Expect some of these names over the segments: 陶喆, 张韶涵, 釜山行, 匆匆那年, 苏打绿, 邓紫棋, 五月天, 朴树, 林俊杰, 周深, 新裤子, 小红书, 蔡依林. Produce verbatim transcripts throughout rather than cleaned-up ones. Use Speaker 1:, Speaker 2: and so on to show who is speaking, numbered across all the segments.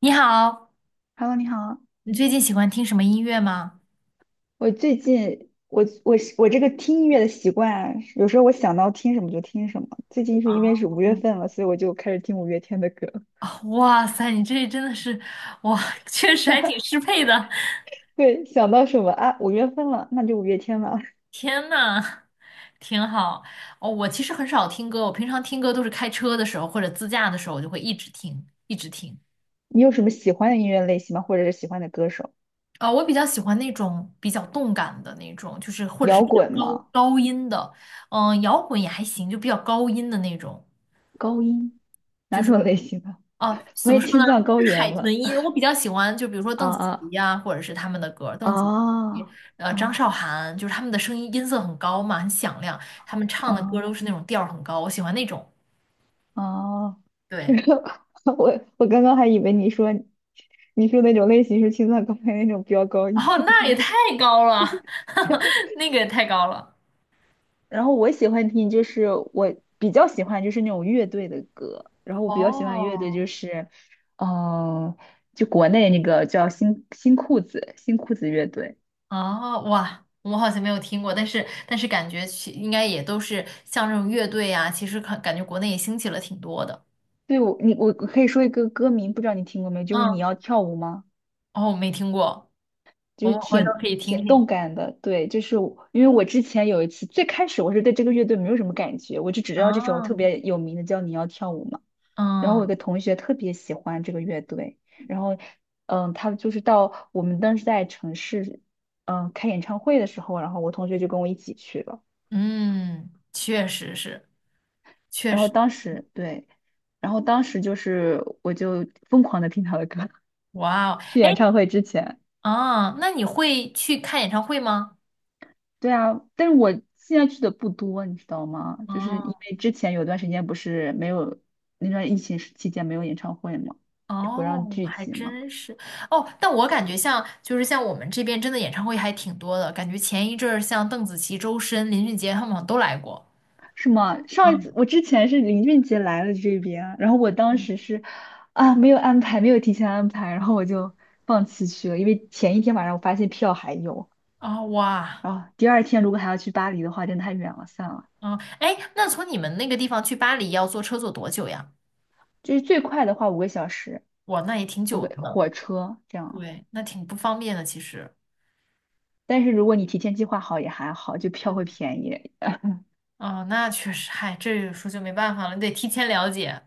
Speaker 1: 你好，
Speaker 2: Hello，你好。
Speaker 1: 你最近喜欢听什么音乐吗？
Speaker 2: 我最近我我我这个听音乐的习惯，有时候我想到听什么就听什么。最近是因为是五月
Speaker 1: 嗯。
Speaker 2: 份了，所以我就开始听五月天的歌。
Speaker 1: 啊、啊哇塞，你这真的是，哇，确实还挺适配的。
Speaker 2: 对，想到什么啊？五月份了，那就五月天吧。
Speaker 1: 天呐，挺好。哦，我其实很少听歌，我平常听歌都是开车的时候或者自驾的时候，我就会一直听，一直听。
Speaker 2: 你有什么喜欢的音乐类型吗？或者是喜欢的歌手？
Speaker 1: 啊、我比较喜欢那种比较动感的那种，就是或者是
Speaker 2: 摇
Speaker 1: 比
Speaker 2: 滚
Speaker 1: 较高
Speaker 2: 吗？
Speaker 1: 高音的，嗯、摇滚也还行，就比较高音的那种。
Speaker 2: 高音？
Speaker 1: 就
Speaker 2: 哪种
Speaker 1: 是。
Speaker 2: 类型的？
Speaker 1: 哦，
Speaker 2: 我
Speaker 1: 怎么
Speaker 2: 也
Speaker 1: 说呢？
Speaker 2: 青藏高原
Speaker 1: 海豚
Speaker 2: 了。
Speaker 1: 音，我比较喜欢，就比如说
Speaker 2: 啊
Speaker 1: 邓紫棋
Speaker 2: 啊
Speaker 1: 呀、或者是他们的歌邓紫棋，
Speaker 2: 啊
Speaker 1: 呃，张
Speaker 2: 啊！
Speaker 1: 韶涵，就是他们的声音音色很高嘛，很响亮，他们唱的歌
Speaker 2: 啊！
Speaker 1: 都是那种调儿很高，我喜欢那种。
Speaker 2: 哦，是
Speaker 1: 对，
Speaker 2: 我我刚刚还以为你说你说那种类型是青藏高原那种飙高音
Speaker 1: 哦，
Speaker 2: 的
Speaker 1: 那也
Speaker 2: 类
Speaker 1: 太
Speaker 2: 型，
Speaker 1: 高了，那个也太高了。
Speaker 2: 然后我喜欢听就是我比较喜欢就是那种乐队的歌，然后我比较喜欢乐队就
Speaker 1: 哦，
Speaker 2: 是，嗯、就国内那个叫新新裤子新裤子乐队。
Speaker 1: 哦，哇，我好像没有听过，但是但是感觉其应该也都是像这种乐队呀、其实感感觉国内也兴起了挺多的。
Speaker 2: 对我你我可以说一个歌名，不知道你听过没？就是你
Speaker 1: 嗯，
Speaker 2: 要跳舞吗？
Speaker 1: 哦，我没听过，
Speaker 2: 就
Speaker 1: 我
Speaker 2: 是
Speaker 1: 们回头
Speaker 2: 挺
Speaker 1: 可以听
Speaker 2: 挺
Speaker 1: 听。
Speaker 2: 动感的，对，就是我因为我之前有一次，最开始我是对这个乐队没有什么感觉，我就只知道这首特
Speaker 1: 啊。
Speaker 2: 别有名的叫《你要跳舞》嘛。然后我有
Speaker 1: 嗯
Speaker 2: 个同学特别喜欢这个乐队，然后嗯，他就是到我们当时在城市嗯开演唱会的时候，然后我同学就跟我一起去了，
Speaker 1: 嗯，确实是，确
Speaker 2: 然后
Speaker 1: 实，
Speaker 2: 当时对，然后当时就是我就疯狂的听他的歌，
Speaker 1: 哇哦，
Speaker 2: 去演
Speaker 1: 哎，
Speaker 2: 唱会之前。
Speaker 1: 啊，那你会去看演唱会吗？
Speaker 2: 对啊，但是我现在去的不多，你知道吗？就是
Speaker 1: 哦
Speaker 2: 因为之前有段时间不是没有那段疫情时期间没有演唱会嘛，就不让
Speaker 1: 哦，
Speaker 2: 聚
Speaker 1: 还
Speaker 2: 集嘛，
Speaker 1: 真是。哦，但我感觉像就是像我们这边真的演唱会还挺多的，感觉前一阵儿像邓紫棋、周深、林俊杰他们好像都来过。
Speaker 2: 是吗？上一次
Speaker 1: 嗯
Speaker 2: 我之前是林俊杰来了这边，然后我当
Speaker 1: 嗯，
Speaker 2: 时是啊没有安排，没有提前安排，然后我就放弃去了，因为前一天晚上我发现票还有，
Speaker 1: 哦哇，
Speaker 2: 然后第二天如果还要去巴黎的话，真的太远了，算了。
Speaker 1: 哦哎，那从你们那个地方去巴黎要坐车坐多久呀？
Speaker 2: 就是最快的话五个小时，
Speaker 1: 哇，那也挺
Speaker 2: 我
Speaker 1: 久的
Speaker 2: 个
Speaker 1: 呢。
Speaker 2: 火车这样。
Speaker 1: 对，那挺不方便的，其实。
Speaker 2: 但是如果你提前计划好也还好，就票会便宜。
Speaker 1: 哦，那确实，嗨，这有时候就没办法了，你得提前了解。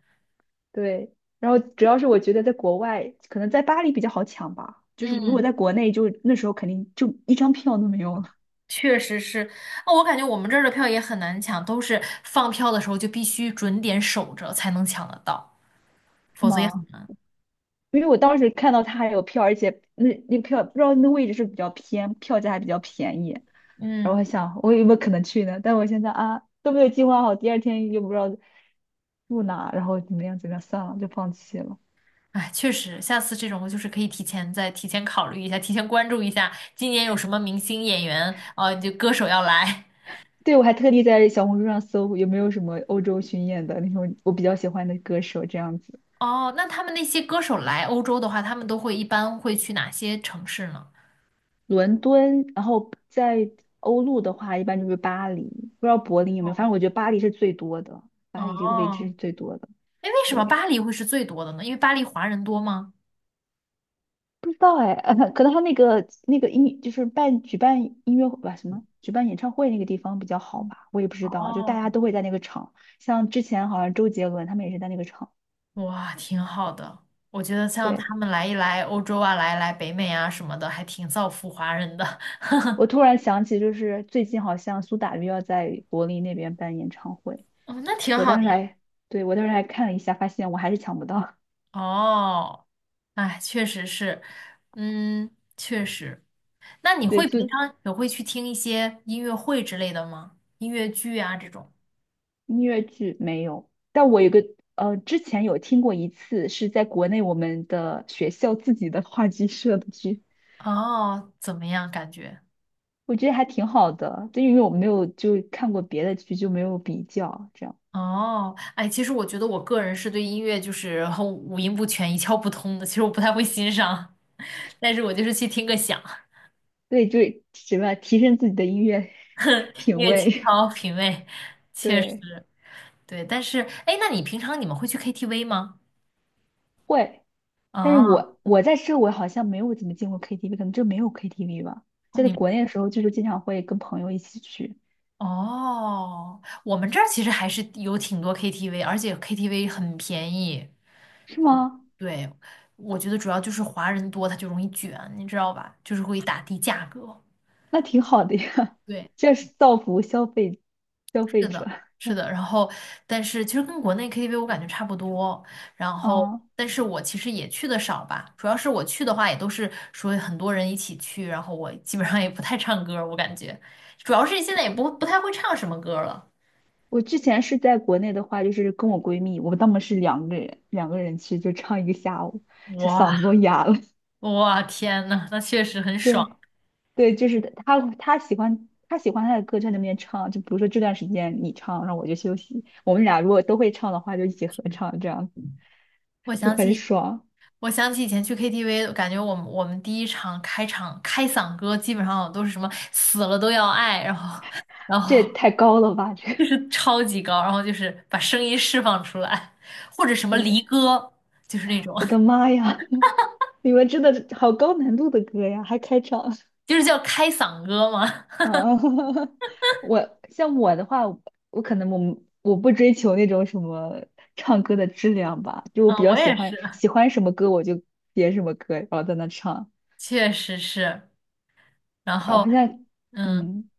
Speaker 2: 对，然后主要是我觉得在国外，可能在巴黎比较好抢吧，就是如果
Speaker 1: 嗯，
Speaker 2: 在国内就，那时候肯定就一张票都没有了，
Speaker 1: 确实是。哦，我感觉我们这儿的票也很难抢，都是放票的时候就必须准点守着才能抢得到，
Speaker 2: 是
Speaker 1: 否则也
Speaker 2: 吗？
Speaker 1: 很难。
Speaker 2: 因为我当时看到他还有票，而且那那个票不知道那位置是比较偏，票价还比较便宜。然后我
Speaker 1: 嗯，
Speaker 2: 想我有没有可能去呢？但我现在啊都没有计划好，第二天又不知道住哪，然后怎么样怎么样，算了，就放弃了。
Speaker 1: 哎，确实，下次这种就是可以提前再提前考虑一下，提前关注一下今年有什么明星演员，啊，就歌手要来。
Speaker 2: 对，我还特地在小红书上搜有没有什么欧洲巡演的那种我比较喜欢的歌手这样子。
Speaker 1: 哦，那他们那些歌手来欧洲的话，他们都会一般会去哪些城市呢？
Speaker 2: 伦敦，然后在欧陆的话，一般就是巴黎，不知道柏林有没有，反
Speaker 1: 哦，
Speaker 2: 正我觉得巴黎是最多的，巴黎这个位置
Speaker 1: 哦，
Speaker 2: 是最多的。
Speaker 1: 哎，为什么
Speaker 2: 对，
Speaker 1: 巴黎会是最多的呢？因为巴黎华人多吗？
Speaker 2: 不知道哎，可能他那个那个音就是办举办音乐会吧，什么举办演唱会那个地方比较好
Speaker 1: 嗯
Speaker 2: 吧，我也不知道，就大
Speaker 1: 哦，
Speaker 2: 家都会在那个场，像之前好像周杰伦他们也是在那个场。
Speaker 1: 哇，挺好的。我觉得像
Speaker 2: 对。
Speaker 1: 他们来一来欧洲啊，来一来北美啊什么的，还挺造福华人的。
Speaker 2: 我突然想起，就是最近好像苏打绿要在柏林那边办演唱会，
Speaker 1: 哦，那挺
Speaker 2: 我
Speaker 1: 好
Speaker 2: 当
Speaker 1: 的
Speaker 2: 时
Speaker 1: 呀。
Speaker 2: 还，对，我当时还看了一下，发现我还是抢不到。
Speaker 1: 哦，哎，确实是，嗯，确实。那你
Speaker 2: 对，
Speaker 1: 会平
Speaker 2: 就
Speaker 1: 常也会去听一些音乐会之类的吗？音乐剧啊这种？
Speaker 2: 音乐剧没有，但我有个呃，之前有听过一次，是在国内我们的学校自己的话剧社的剧，
Speaker 1: 哦，怎么样感觉？
Speaker 2: 我觉得还挺好的，就因为我没有就看过别的剧，就没有比较，这样，
Speaker 1: 哦，哎，其实我觉得我个人是对音乐就是很五音不全、一窍不通的，其实我不太会欣赏，但是我就是去听个响，
Speaker 2: 对，就什么提升自己的音乐 品
Speaker 1: 音乐情
Speaker 2: 味，
Speaker 1: 操品味，确实
Speaker 2: 对，
Speaker 1: 对。但是，哎，那你平常你们会去 K T V 吗？
Speaker 2: 会。但是
Speaker 1: 啊，哦
Speaker 2: 我我在这我好像没有怎么进过 K T V，可能这没有 K T V 吧。在
Speaker 1: 你
Speaker 2: 国内的时候，就是经常会跟朋友一起去，
Speaker 1: 哦，我们这儿其实还是有挺多 K T V，而且 K T V 很便宜。
Speaker 2: 是吗？
Speaker 1: 对，我觉得主要就是华人多，他就容易卷，你知道吧？就是会打低价格。
Speaker 2: 那挺好的呀，
Speaker 1: 对，
Speaker 2: 这是造福消费消
Speaker 1: 是
Speaker 2: 费者。
Speaker 1: 的，是的，然后但是其实跟国内 K T V 我感觉差不多，然后
Speaker 2: 嗯，
Speaker 1: 但是我其实也去的少吧，主要是我去的话也都是说很多人一起去，然后我基本上也不太唱歌儿我感觉主要是现在也不不太会唱什么歌儿了。
Speaker 2: 我之前是在国内的话，就是跟我闺蜜，我们当时是两个人两个人去，就唱一个下午，就嗓子都
Speaker 1: 哇
Speaker 2: 哑了。
Speaker 1: 哇天呐，那确实很
Speaker 2: 对
Speaker 1: 爽。
Speaker 2: 对，就是她她喜欢她喜欢她的歌，就在那边唱，就比如说这段时间你唱，然后我就休息，我们俩如果都会唱的话，就一起合唱这样
Speaker 1: 我
Speaker 2: 就
Speaker 1: 想
Speaker 2: 很
Speaker 1: 起
Speaker 2: 爽。
Speaker 1: 我想起以前去 K T V，感觉我们我们第一场开场开嗓歌基本上都是什么死了都要爱，然后。然
Speaker 2: 这也
Speaker 1: 后
Speaker 2: 太高了吧？这个
Speaker 1: 就是超级高，然后就是把声音释放出来，或者什么
Speaker 2: 对
Speaker 1: 离歌，就是那种，
Speaker 2: 我的 妈呀！你们真的好高难度的歌呀，还开场
Speaker 1: 就是叫开嗓歌嘛。
Speaker 2: 啊！我像我的话，我可能我我不追求那种什么唱歌的质量吧，就我比
Speaker 1: 嗯，
Speaker 2: 较
Speaker 1: 我
Speaker 2: 喜
Speaker 1: 也是，
Speaker 2: 欢喜欢什么歌我就点什么歌，然后在那唱。
Speaker 1: 确实是。然
Speaker 2: 然
Speaker 1: 后，
Speaker 2: 后像
Speaker 1: 嗯，
Speaker 2: 嗯，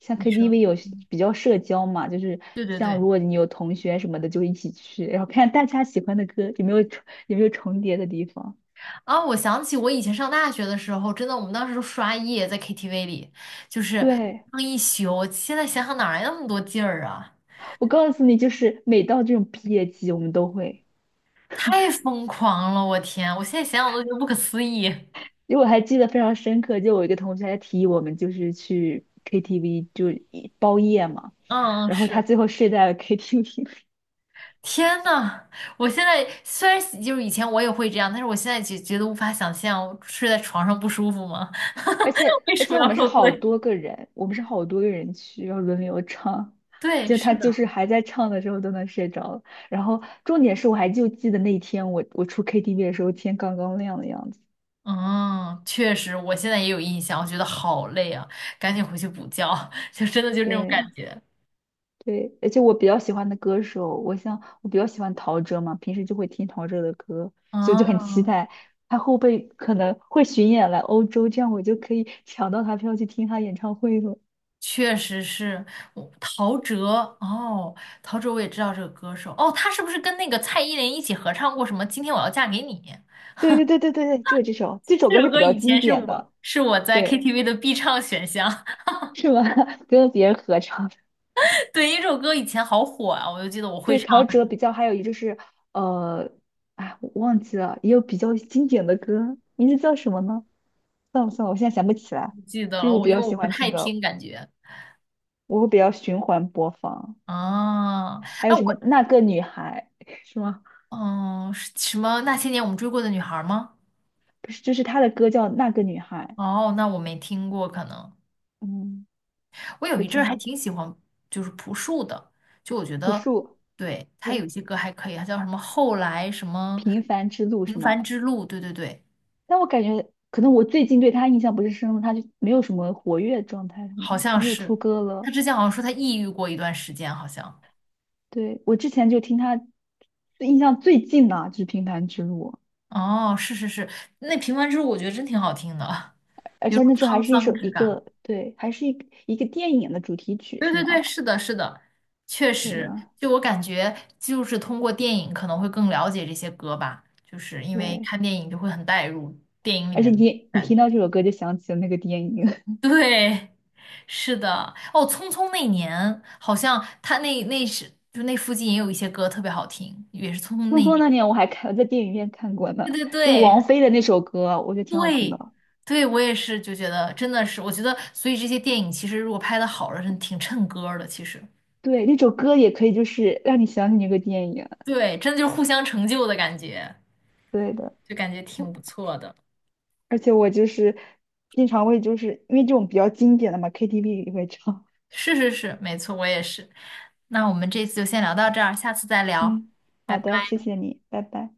Speaker 2: 像
Speaker 1: 你说，
Speaker 2: K T V 有
Speaker 1: 嗯，
Speaker 2: 比较社交嘛，就是
Speaker 1: 对对
Speaker 2: 像
Speaker 1: 对，
Speaker 2: 如果你有同学什么的就一起去，然后看大家喜欢的歌有没有重有没有重叠的地方。
Speaker 1: 啊，我想起我以前上大学的时候，真的，我们当时都刷夜在 K T V 里，就是
Speaker 2: 对，
Speaker 1: 唱一宿。现在想想哪来那么多劲儿啊？
Speaker 2: 我告诉你，就是每到这种毕业季，我们都会，
Speaker 1: 太疯狂了，我天！我现在想想都觉得不可思议。
Speaker 2: 因为我还记得非常深刻，就我一个同学还提议我们就是去 K T V 就一包夜嘛，
Speaker 1: 嗯，嗯
Speaker 2: 然后他
Speaker 1: 是。
Speaker 2: 最后睡在了 K T V。
Speaker 1: 天呐，我现在虽然喜就是以前我也会这样，但是我现在就觉得无法想象睡在床上不舒服吗？
Speaker 2: 而且
Speaker 1: 为
Speaker 2: 而
Speaker 1: 什
Speaker 2: 且
Speaker 1: 么
Speaker 2: 我
Speaker 1: 要
Speaker 2: 们是
Speaker 1: 受
Speaker 2: 好
Speaker 1: 罪？
Speaker 2: 多个人，我们是好多个人去，然后轮流唱，
Speaker 1: 对，
Speaker 2: 就他
Speaker 1: 是的，
Speaker 2: 就是还在唱的时候都能睡着了，然后重点是我还就记得那天我我出 K T V 的时候天刚刚亮的样子，
Speaker 1: 嗯，确实，我现在也有印象，我觉得好累啊，赶紧回去补觉，就真的就是那种感
Speaker 2: 对。
Speaker 1: 觉。
Speaker 2: 对，而且我比较喜欢的歌手，我像我比较喜欢陶喆嘛，平时就会听陶喆的歌，所以我就很
Speaker 1: 嗯，
Speaker 2: 期待他后辈可能会巡演来欧洲，这样我就可以 抢到他票去听他演唱会了。
Speaker 1: 确实是，我陶喆哦，陶喆我也知道这个歌手哦，他是不是跟那个蔡依林一起合唱过什么《今天我要嫁给你》？
Speaker 2: 对对对对对对，就是这首，这首
Speaker 1: 这
Speaker 2: 歌是
Speaker 1: 首
Speaker 2: 比
Speaker 1: 歌
Speaker 2: 较
Speaker 1: 以
Speaker 2: 经
Speaker 1: 前是
Speaker 2: 典的，
Speaker 1: 我是我在
Speaker 2: 对，
Speaker 1: K T V 的必唱选项。
Speaker 2: 是吗？跟别人合唱的
Speaker 1: 对，因为这首歌以前好火啊，我就记得我会
Speaker 2: 对，
Speaker 1: 唱，
Speaker 2: 陶喆比较，还有一就是呃，哎，我忘记了，也有比较经典的歌，名字叫什么呢？算了算了，我现在想不起来。
Speaker 1: 不记得
Speaker 2: 就是
Speaker 1: 了。
Speaker 2: 我
Speaker 1: 我
Speaker 2: 比
Speaker 1: 因
Speaker 2: 较
Speaker 1: 为我
Speaker 2: 喜
Speaker 1: 不
Speaker 2: 欢
Speaker 1: 太
Speaker 2: 听歌。
Speaker 1: 听，感觉
Speaker 2: 我会比较循环播放。
Speaker 1: 啊，
Speaker 2: 还有
Speaker 1: 那
Speaker 2: 什
Speaker 1: 我
Speaker 2: 么那个女孩 是吗？
Speaker 1: 嗯，是什么那些年我们追过的女孩吗？
Speaker 2: 不是，就是她的歌叫那个女孩，
Speaker 1: 哦，那我没听过，可能
Speaker 2: 嗯，
Speaker 1: 我有
Speaker 2: 这
Speaker 1: 一阵
Speaker 2: 挺
Speaker 1: 儿还
Speaker 2: 好的。
Speaker 1: 挺喜欢，就是朴树的，就我觉
Speaker 2: 朴
Speaker 1: 得
Speaker 2: 树，
Speaker 1: 对他有
Speaker 2: 对，
Speaker 1: 一些歌还可以，他叫什么后来什么
Speaker 2: 平凡之路
Speaker 1: 平
Speaker 2: 是
Speaker 1: 凡
Speaker 2: 吗？
Speaker 1: 之路，对对对，
Speaker 2: 但我感觉可能我最近对她印象不是深了，她就没有什么活跃状态什
Speaker 1: 好
Speaker 2: 么，就
Speaker 1: 像
Speaker 2: 没有出
Speaker 1: 是
Speaker 2: 歌
Speaker 1: 他
Speaker 2: 了。
Speaker 1: 之前好像说他抑郁过一段时间，好像
Speaker 2: 对，我之前就听她最印象最近的就是平凡之路，
Speaker 1: 哦，是是是，那平凡之路我觉得真挺好听的，
Speaker 2: 而
Speaker 1: 有
Speaker 2: 且
Speaker 1: 种
Speaker 2: 那时候
Speaker 1: 沧
Speaker 2: 还是一
Speaker 1: 桑
Speaker 2: 首
Speaker 1: 之
Speaker 2: 一
Speaker 1: 感。
Speaker 2: 个对，还是一一个电影的主题曲
Speaker 1: 对
Speaker 2: 是
Speaker 1: 对对，
Speaker 2: 吗？
Speaker 1: 是的，是的，确
Speaker 2: 对
Speaker 1: 实，
Speaker 2: 的，
Speaker 1: 就我感觉，就是通过电影可能会更了解这些歌吧，就是因为
Speaker 2: 对。
Speaker 1: 看电影就会很带入电影里
Speaker 2: 而且
Speaker 1: 面的
Speaker 2: 你你
Speaker 1: 感
Speaker 2: 听到
Speaker 1: 觉。
Speaker 2: 这首歌就想起了那个电影
Speaker 1: 对，是的，哦，《匆匆那年》好像他那那是就那附近也有一些歌特别好听，也是《匆
Speaker 2: 《<laughs>
Speaker 1: 匆
Speaker 2: 匆
Speaker 1: 那年》。
Speaker 2: 匆那年》，我还看在电影院看过呢，
Speaker 1: 对对对
Speaker 2: 就是王
Speaker 1: 对
Speaker 2: 菲的那首歌，我觉得挺好听的。
Speaker 1: 对，我也是就觉得真的是，我觉得所以这些电影其实如果拍的好了，真挺衬歌儿的，其实
Speaker 2: 对，那首歌也可以就是让你想起那个电影。
Speaker 1: 对，真的就是互相成就的感觉。
Speaker 2: 对的，
Speaker 1: 就感觉
Speaker 2: 我
Speaker 1: 挺不错的。
Speaker 2: 而且我就是经常会就是因为这种比较经典的嘛，K T V 里会唱。
Speaker 1: 是是是，没错，我也是。那我们这次就先聊到这儿，下次再聊，
Speaker 2: 嗯，
Speaker 1: 拜
Speaker 2: 好
Speaker 1: 拜。
Speaker 2: 的，谢谢你，拜拜。